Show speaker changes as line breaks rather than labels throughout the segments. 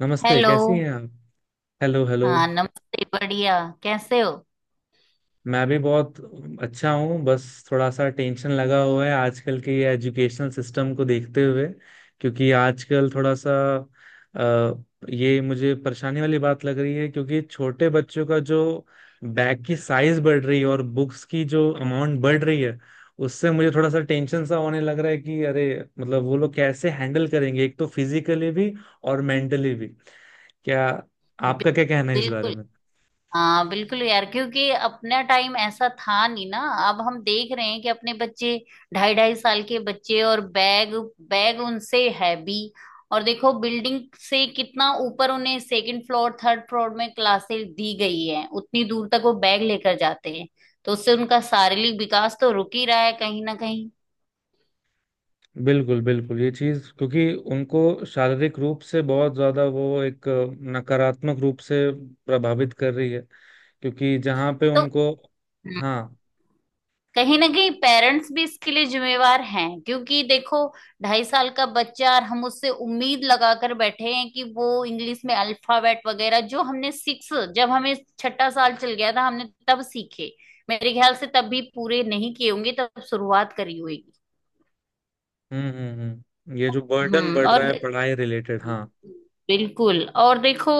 नमस्ते,
हेलो।
कैसी हैं आप। Hello hello.
हाँ, नमस्ते। बढ़िया। कैसे हो?
मैं भी बहुत अच्छा हूँ। बस थोड़ा सा टेंशन लगा हुआ है आजकल के ये एजुकेशनल सिस्टम को देखते हुए। क्योंकि आजकल थोड़ा सा अ, ये मुझे परेशानी वाली बात लग रही है, क्योंकि छोटे बच्चों का जो बैग की साइज बढ़ रही है और बुक्स की जो अमाउंट बढ़ रही है, उससे मुझे थोड़ा सा टेंशन सा होने लग रहा है कि अरे, मतलब वो लोग कैसे हैंडल करेंगे, एक तो फिजिकली भी और मेंटली भी। क्या आपका क्या कहना है इस बारे।
बिल्कुल। हाँ, बिल्कुल यार, क्योंकि अपना टाइम ऐसा था नहीं ना। अब हम देख रहे हैं कि अपने बच्चे, ढाई ढाई साल के बच्चे, और बैग। बैग उनसे हैवी। और देखो, बिल्डिंग से कितना ऊपर उन्हें सेकंड फ्लोर, थर्ड फ्लोर में क्लासेस दी गई है, उतनी दूर तक वो बैग लेकर जाते हैं। तो उससे उनका शारीरिक विकास तो रुक ही रहा है कहीं ना कहीं।
बिल्कुल बिल्कुल, ये चीज क्योंकि उनको शारीरिक रूप से बहुत ज्यादा वो एक नकारात्मक रूप से प्रभावित कर रही है, क्योंकि जहाँ पे
तो
उनको। हाँ।
कहीं ना कहीं पेरेंट्स भी इसके लिए जिम्मेवार हैं, क्योंकि देखो, ढाई साल का बच्चा और हम उससे उम्मीद लगाकर बैठे हैं कि वो इंग्लिश में अल्फाबेट वगैरह जो हमने सिक्स, जब हमें छठा साल चल गया था हमने तब सीखे। मेरे ख्याल से तब भी पूरे नहीं किए होंगे, तब शुरुआत करी होगी।
हम्म, ये जो बर्डन
हम्म।
बढ़ रहा
और
है पढ़ाई रिलेटेड।
बिल्कुल।
हाँ।
बिल्कुल। और देखो,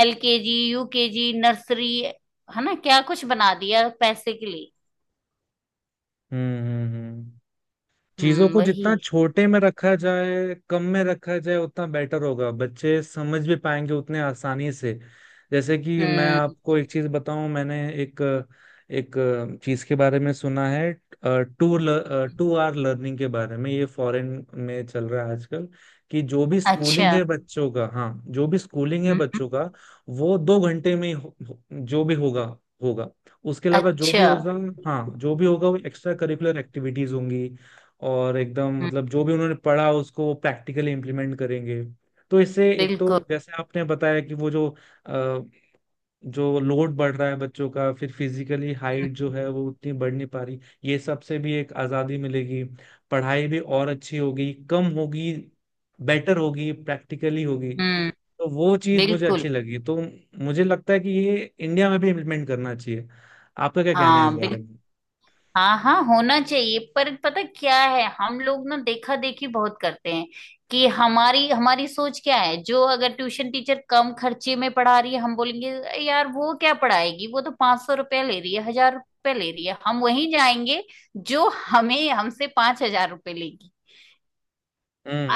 एलकेजी, यूकेजी, नर्सरी, है ना, क्या कुछ बना दिया पैसे के लिए।
हम्म, चीजों
हम्म,
को
वही।
जितना छोटे में रखा जाए, कम में रखा जाए, उतना बेटर होगा, बच्चे समझ भी पाएंगे उतने आसानी से। जैसे कि मैं
हम्म।
आपको एक चीज बताऊं, मैंने एक एक चीज के बारे में सुना है, टू टू आर लर्निंग के बारे में, ये फॉरेन में चल रहा है आजकल कि जो भी
अच्छा।
स्कूलिंग है बच्चों का। हाँ। जो भी स्कूलिंग है
हम्म।
बच्चों का वो 2 घंटे में ही जो भी होगा, होगा। उसके अलावा जो भी
अच्छा।
होगा। हाँ, जो भी होगा वो एक्स्ट्रा करिकुलर एक्टिविटीज होंगी, और एकदम
हम्म,
मतलब जो भी उन्होंने पढ़ा उसको वो प्रैक्टिकली इम्प्लीमेंट करेंगे। तो इससे एक तो
बिल्कुल।
जैसे आपने बताया कि वो जो अ, जो लोड बढ़ रहा है बच्चों का, फिर फिजिकली हाइट जो
हम्म।
है वो उतनी बढ़ नहीं पा रही, ये सब से भी एक आज़ादी मिलेगी, पढ़ाई भी और अच्छी होगी, कम होगी, बेटर होगी, प्रैक्टिकली होगी।
हम्म,
तो वो चीज़ मुझे
बिल्कुल।
अच्छी लगी, तो मुझे लगता है कि ये इंडिया में भी इम्प्लीमेंट करना चाहिए। आपका क्या कहना है इस
हाँ,
बारे
बिल्कुल।
में।
हाँ हाँ, होना चाहिए, पर पता क्या है, हम लोग ना देखा देखी बहुत करते हैं। कि हमारी हमारी सोच क्या है, जो अगर ट्यूशन टीचर कम खर्चे में पढ़ा रही है, हम बोलेंगे "अरे यार वो क्या पढ़ाएगी, वो तो पांच सौ रुपया ले रही है, हजार रुपया ले रही है, हम वहीं जाएंगे जो हमें, हमसे पांच हजार रुपये लेगी।"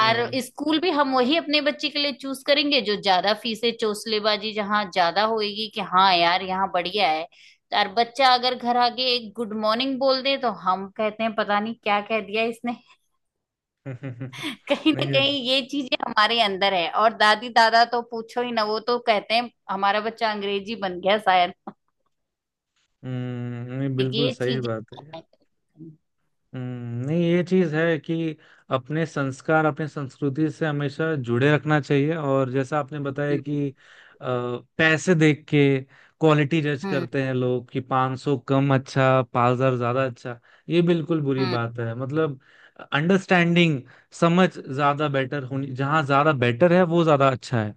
और स्कूल भी हम वही अपने बच्चे के लिए चूज करेंगे जो ज्यादा फीसें, चोंसलेबाजी जहाँ ज्यादा होएगी, कि हाँ यार यहाँ बढ़िया है। और बच्चा अगर घर आके एक गुड मॉर्निंग बोल दे तो हम कहते हैं पता नहीं क्या कह दिया इसने।
हम्म।
कहीं ना
नहीं।
कहीं ये चीजें हमारे अंदर है। और दादी दादा तो पूछो ही ना, वो तो कहते हैं हमारा बच्चा अंग्रेजी बन गया शायद।
हम्म, नहीं, बिल्कुल
ये
सही
चीजें।
बात है। हम्म, नहीं, ये चीज है कि अपने संस्कार अपने संस्कृति से हमेशा जुड़े रखना चाहिए। और जैसा आपने बताया
हम्म।
कि पैसे देख के क्वालिटी जज
हम्म।
करते हैं लोग कि 500 कम अच्छा, 5,000 ज्यादा अच्छा। ये बिल्कुल बुरी
हम्म,
बात है, मतलब अंडरस्टैंडिंग, समझ ज्यादा बेटर होनी, जहाँ ज्यादा बेटर है वो ज्यादा अच्छा है।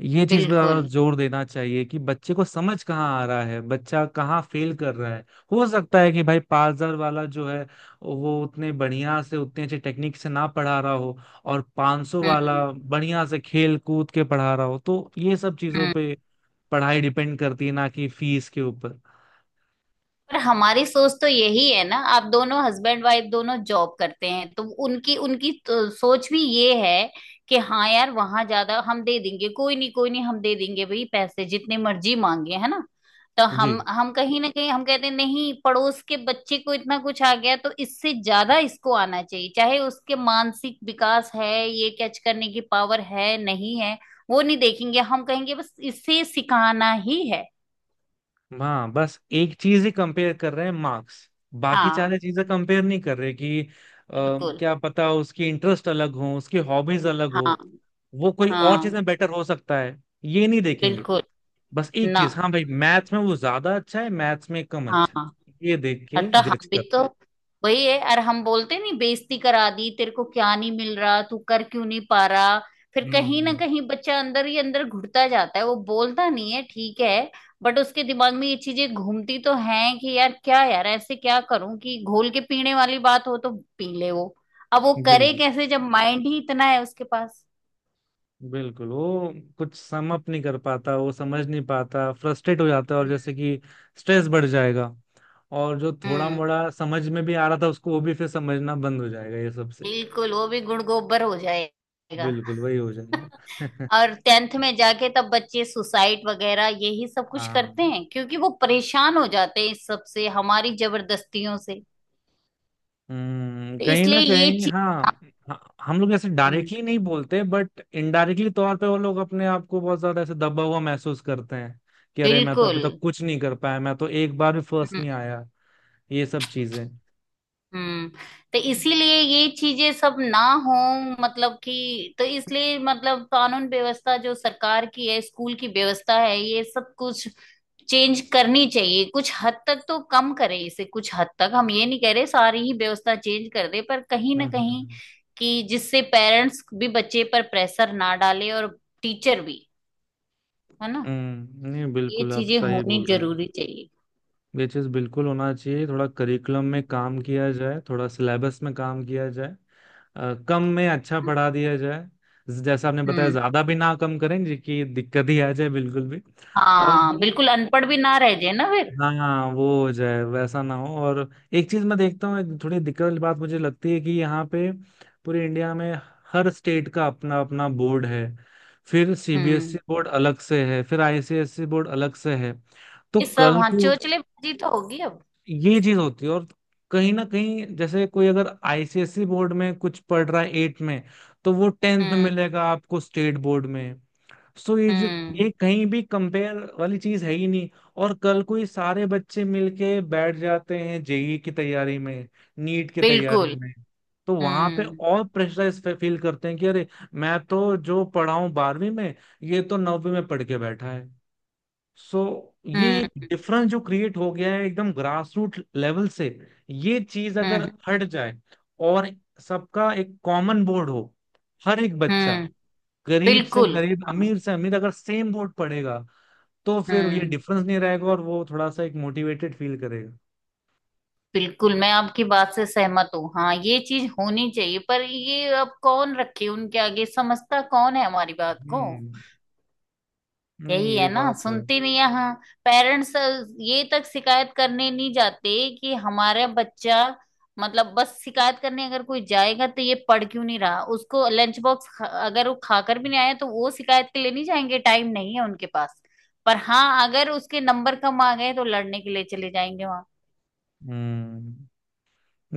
ये चीज पे ज्यादा
बिल्कुल।
जोर देना चाहिए कि बच्चे को समझ कहाँ आ रहा है, बच्चा कहाँ फेल कर रहा है। हो सकता है कि भाई 5,000 वाला जो है वो उतने बढ़िया से, उतने अच्छे टेक्निक से ना पढ़ा रहा हो, और 500 वाला
हम्म।
बढ़िया से खेल कूद के पढ़ा रहा हो। तो ये सब चीजों
हम्म।
पे पढ़ाई डिपेंड करती है, ना कि फीस के ऊपर।
पर हमारी सोच तो यही है ना। आप दोनों, हस्बैंड वाइफ दोनों जॉब करते हैं, तो उनकी उनकी तो सोच भी ये है कि हाँ यार, वहां ज्यादा हम दे देंगे, कोई नहीं हम दे देंगे, भाई पैसे जितने मर्जी मांगे, है ना। तो हम
जी।
हम कहीं ना कहीं हम कहते हैं, नहीं, पड़ोस के बच्चे को इतना कुछ आ गया तो इससे ज्यादा इसको आना चाहिए, चाहे उसके मानसिक विकास है, ये कैच करने की पावर है नहीं है, वो नहीं देखेंगे। हम कहेंगे बस इसे सिखाना ही है।
हाँ, बस एक चीज ही कंपेयर कर रहे हैं, मार्क्स। बाकी
हाँ,
सारी चीजें कंपेयर नहीं कर रहे कि
बिल्कुल।
क्या पता उसकी इंटरेस्ट अलग हो, उसकी हॉबीज अलग
हाँ
हो, वो कोई और चीज
हाँ,
में बेटर हो सकता है। ये नहीं देखेंगे।
बिल्कुल।
बस एक
ना।
चीज, हाँ भाई मैथ्स में वो ज्यादा अच्छा है, मैथ्स में कम अच्छा है,
हाँ,
ये देख के
अतः
जज
हम भी
करते
तो
हैं।
वही है। और हम बोलते नहीं, बेइज्जती करा दी तेरे को, क्या नहीं मिल रहा, तू कर क्यों नहीं पा रहा। फिर कहीं ना
हम्म।
कहीं बच्चा अंदर ही अंदर घुटता जाता है, वो बोलता नहीं है, ठीक है, बट उसके दिमाग में ये चीजें घूमती तो हैं कि यार, क्या यार ऐसे, क्या करूं कि घोल के पीने वाली बात हो तो पी ले वो। अब वो करे
बिल्कुल
कैसे जब माइंड ही इतना है उसके पास।
बिल्कुल, वो कुछ सम अप नहीं कर पाता, वो समझ नहीं पाता, फ्रस्ट्रेट हो जाता है। और जैसे कि स्ट्रेस बढ़ जाएगा, और जो थोड़ा
हम्म।
मोड़ा समझ में भी आ रहा था उसको वो भी फिर समझना बंद हो जाएगा ये सब से।
बिल्कुल, वो भी गुण गोबर हो जाएगा।
बिल्कुल वही हो जाएगा।
और टेंथ में जाके तब बच्चे सुसाइड वगैरह यही सब कुछ
हाँ।
करते हैं, क्योंकि वो परेशान हो जाते हैं इस सब से, हमारी जबरदस्तियों से।
हम्म,
तो
कहीं ना
इसलिए ये
कहीं।
चीज।
हाँ हाँ, हम लोग ऐसे डायरेक्टली नहीं बोलते, बट इनडायरेक्टली तौर पे वो लोग अपने आप को बहुत ज्यादा ऐसे दबा हुआ महसूस करते हैं कि अरे, मैं तो
बिल्कुल।
अभी तक कुछ नहीं कर पाया, मैं तो एक बार भी फर्स्ट नहीं आया। ये सब चीजें।
हम्म। तो
हम्म
इसीलिए ये चीजें सब ना हो। मतलब कि, तो इसलिए मतलब, कानून व्यवस्था जो सरकार की है, स्कूल की व्यवस्था है, ये सब कुछ चेंज करनी चाहिए, कुछ हद तक तो कम करे इसे। कुछ हद तक हम ये नहीं कह रहे सारी ही व्यवस्था चेंज कर दे, पर कहीं ना
हम्म
कहीं,
हम्म।
कि जिससे पेरेंट्स भी बच्चे पर प्रेशर ना डाले और टीचर भी, है ना।
हम्म, नहीं
ये
बिल्कुल आप
चीजें
सही
होनी
बोल रही हैं।
जरूरी चाहिए।
ये चीज बिल्कुल होना चाहिए, थोड़ा करिकुलम में काम किया जाए, थोड़ा सिलेबस में काम किया जाए, कम में अच्छा पढ़ा दिया जाए। जैसा आपने बताया
हम्म।
ज्यादा भी ना, कम करें जी की दिक्कत ही आ जाए बिल्कुल भी। और
हाँ,
जो,
बिल्कुल अनपढ़ भी ना रह जाए ना फिर।
हाँ वो हो जाए वैसा ना हो। और एक चीज मैं देखता हूँ, एक थोड़ी दिक्कत वाली बात मुझे लगती है कि यहाँ पे पूरे इंडिया में हर स्टेट का अपना अपना बोर्ड है। फिर सीबीएसई
हम्म।
बोर्ड अलग से है, फिर आईसीएसई बोर्ड अलग से है। तो
ये सब,
कल
हाँ,
को
चोचले बाजी तो होगी अब।
ये चीज होती है, और कहीं ना कहीं जैसे कोई अगर आईसीएसई बोर्ड में कुछ पढ़ रहा है 8 में तो वो टेंथ में
हम्म।
मिलेगा आपको स्टेट बोर्ड में। सो ये जो,
हम्म।
ये कहीं भी कंपेयर वाली चीज है ही नहीं। और कल कोई सारे बच्चे मिलके बैठ जाते हैं जेई की तैयारी में, नीट की तैयारी
बिल्कुल।
में, तो वहां पे
हम्म।
और प्रेशराइज फील करते हैं कि अरे, मैं तो जो पढ़ा हूं बारहवीं में ये तो नौवीं में पढ़ के बैठा है। सो ये एक
हम्म।
डिफरेंस जो क्रिएट हो गया है एकदम ग्रासरूट लेवल से, ये चीज अगर
हम्म।
हट जाए और सबका एक कॉमन बोर्ड हो, हर एक बच्चा
हम्म,
गरीब से
बिल्कुल।
गरीब,
हाँ।
अमीर से अमीर, अगर सेम वोट पड़ेगा, तो फिर ये
हम्म।
डिफरेंस नहीं रहेगा और वो थोड़ा सा एक मोटिवेटेड फील करेगा।
बिल्कुल, मैं आपकी बात से सहमत हूँ। हाँ, ये चीज होनी चाहिए, पर ये अब कौन रखे उनके आगे, समझता कौन है हमारी बात को।
हम्म, नहीं
यही
ये
है ना,
बात है।
सुनते नहीं है। हाँ, पेरेंट्स ये तक शिकायत करने नहीं जाते कि हमारा बच्चा, मतलब बस शिकायत करने अगर कोई जाएगा तो ये पढ़ क्यों नहीं रहा, उसको लंच बॉक्स अगर वो खाकर भी नहीं आया तो वो शिकायत के लिए नहीं जाएंगे, टाइम नहीं है उनके पास। पर हाँ, अगर उसके नंबर कम आ गए तो लड़ने के लिए चले जाएंगे वहां।
हम्म,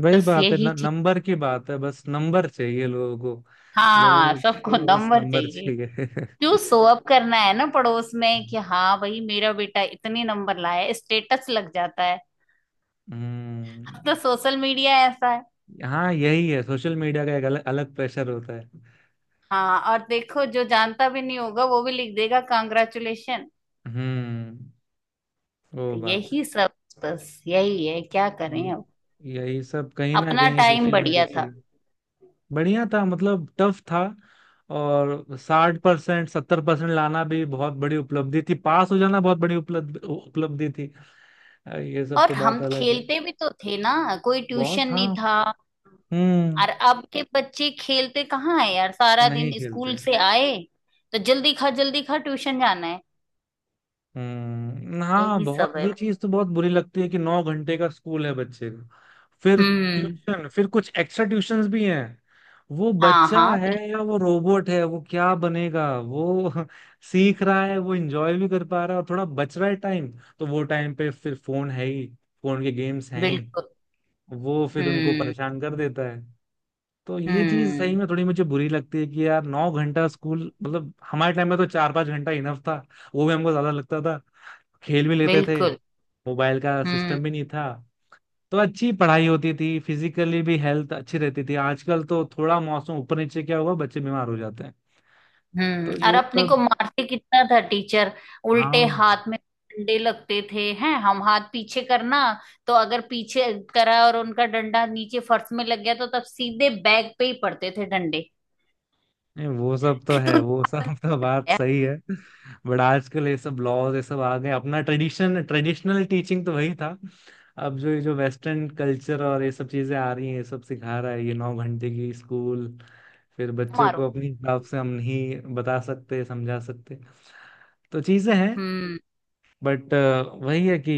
वही
बस
बात है
यही
न,
चीज।
नंबर की बात है, बस नंबर चाहिए लोगों को।
हाँ,
लोगों
सबको
को बस
नंबर
नंबर
चाहिए।
चाहिए।
क्यों, शो अप करना है ना पड़ोस में, कि हाँ भाई मेरा बेटा इतने नंबर लाया है, स्टेटस लग जाता।
हम्म।
तो सोशल मीडिया ऐसा है।
हाँ यही है, सोशल मीडिया का एक अलग अलग प्रेशर होता है।
हाँ, और देखो, जो जानता भी नहीं होगा वो भी लिख देगा कांग्रेचुलेशन।
हम्म, वो
तो
बात है।
यही सब, बस यही है, क्या करें
ये,
अब।
यही सब कहीं ना
अपना
कहीं
टाइम
किसी ना
बढ़िया था।
किसी। बढ़िया था मतलब, टफ था। और 60% 70% लाना भी बहुत बड़ी उपलब्धि थी, पास हो जाना बहुत बड़ी उपलब्धि थी। ये सब
और
तो बात
हम
अलग है।
खेलते भी तो थे ना, कोई
बहुत,
ट्यूशन नहीं
हाँ।
था।
हम्म।
और अब के बच्चे खेलते कहाँ है यार, सारा दिन
नहीं
स्कूल
खेलते।
से आए तो जल्दी खा जल्दी खा, ट्यूशन जाना है।
हाँ,
यही
बहुत
सब है।
ये चीज तो बहुत बुरी लगती है कि 9 घंटे का स्कूल है बच्चे का, फिर
हम्म।
ट्यूशन, फिर कुछ एक्स्ट्रा ट्यूशंस भी हैं। वो
हाँ
बच्चा
हाँ,
है या वो रोबोट है, वो क्या बनेगा वो। सीख रहा है वो, एंजॉय भी कर पा रहा है, और थोड़ा बच रहा है टाइम, तो वो टाइम पे फिर फोन है ही, फोन के गेम्स हैं ही,
बिल्कुल।
वो फिर उनको
हम्म।
परेशान कर देता है। तो ये चीज सही
हम्म।
में थोड़ी मुझे बुरी लगती है कि यार 9 घंटा स्कूल, मतलब हमारे टाइम में तो 4-5 घंटा इनफ था, वो भी हमको ज्यादा लगता था। खेल भी लेते थे,
बिल्कुल।
मोबाइल का
हम्म।
सिस्टम भी नहीं था, तो अच्छी पढ़ाई होती थी, फिजिकली भी हेल्थ अच्छी रहती थी। आजकल तो थोड़ा मौसम ऊपर नीचे क्या हुआ, बच्चे बीमार हो जाते हैं।
हम्म।
तो
और
ये
अपने को
सब।
मारते कितना था टीचर, उल्टे
हाँ।
हाथ में डंडे लगते थे, हैं हम हाथ पीछे करना, तो अगर पीछे करा और उनका डंडा नीचे फर्श में लग गया तो तब सीधे बैग पे ही पड़ते थे डंडे।
नहीं, वो सब तो
कि
है
तू
वो
हाथ
सब। तो बात
किया है,
सही है, बट आजकल ये सब लॉज ये सब आ गए। अपना ट्रेडिशन, ट्रेडिशनल टीचिंग तो वही था। अब जो ये जो वेस्टर्न कल्चर और ये सब चीजें आ रही हैं, ये सब सिखा रहा है ये 9 घंटे की स्कूल। फिर बच्चों
मारो।
को अपने हिसाब से हम नहीं बता सकते, समझा सकते, तो चीजें हैं।
हम्म।
बट वही है कि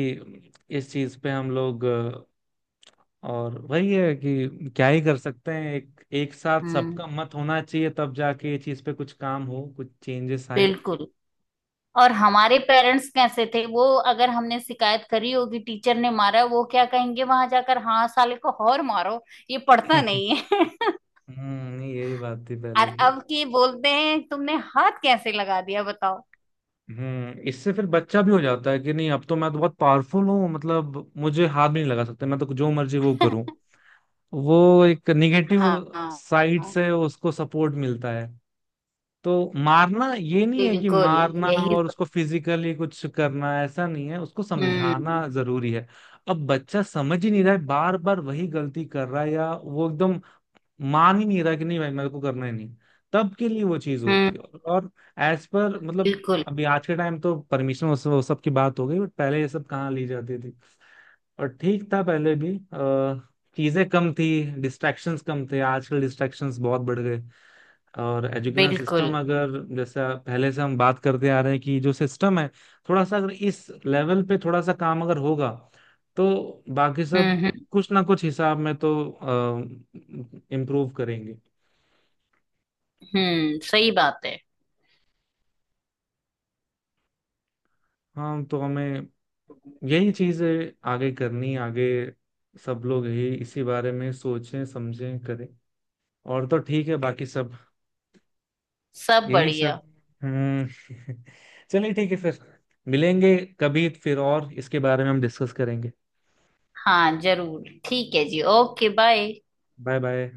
इस चीज पे हम लोग और वही है कि क्या ही कर सकते हैं, एक एक साथ
हम्म,
सबका मत होना चाहिए, तब जाके ये चीज पे कुछ काम हो, कुछ चेंजेस आए।
बिल्कुल। और हमारे पेरेंट्स कैसे थे वो, अगर हमने शिकायत करी होगी टीचर ने मारा, वो क्या कहेंगे वहां जाकर, हाँ साले को और मारो, ये पढ़ता
हम्म।
नहीं है।
नहीं, यही बात थी
और
पहले की।
अब की बोलते हैं तुमने हाथ कैसे लगा दिया बताओ।
हम्म, इससे फिर बच्चा भी हो जाता है कि नहीं अब तो मैं तो बहुत पावरफुल हूँ, मतलब मुझे हाथ भी नहीं लगा सकते, मैं तो जो मर्जी वो करूँ। वो एक निगेटिव
हाँ हाँ,
साइड से उसको सपोर्ट मिलता है। तो मारना, ये नहीं है कि
बिल्कुल।
मारना
यही
और
तो।
उसको फिजिकली कुछ करना, ऐसा नहीं है, उसको
हम्म।
समझाना जरूरी है। अब बच्चा समझ ही नहीं रहा है, बार बार वही गलती कर रहा है, या वो एकदम मान ही नहीं रहा कि नहीं भाई मेरे को करना ही नहीं, तब के लिए वो चीज
हम्म,
होती है। और एज पर मतलब
बिल्कुल।
अभी आज के टाइम तो परमिशन वो सब की बात हो गई, बट पहले ये सब कहाँ ली जाती थी। और ठीक था पहले भी। चीजें कम थी, डिस्ट्रैक्शंस कम थे, आजकल डिस्ट्रैक्शंस बहुत बढ़ गए। और एजुकेशन
बिल्कुल।
सिस्टम अगर, जैसे पहले से हम बात करते आ रहे हैं कि जो सिस्टम है, थोड़ा सा अगर इस लेवल पे थोड़ा सा काम अगर होगा, तो बाकी सब
हम्म। हम्म।
कुछ ना कुछ हिसाब में तो इम्प्रूव करेंगे।
हम्म, सही बात है।
हाँ, तो हमें यही चीजें आगे करनी, आगे सब लोग यही इसी बारे में सोचें, समझें, करें, और तो ठीक है बाकी सब।
सब
यही सब।
बढ़िया।
हम्म। चलिए ठीक है फिर, मिलेंगे कभी फिर और इसके बारे में हम डिस्कस करेंगे।
हाँ जरूर, ठीक है जी, ओके, बाय।
Bye bye.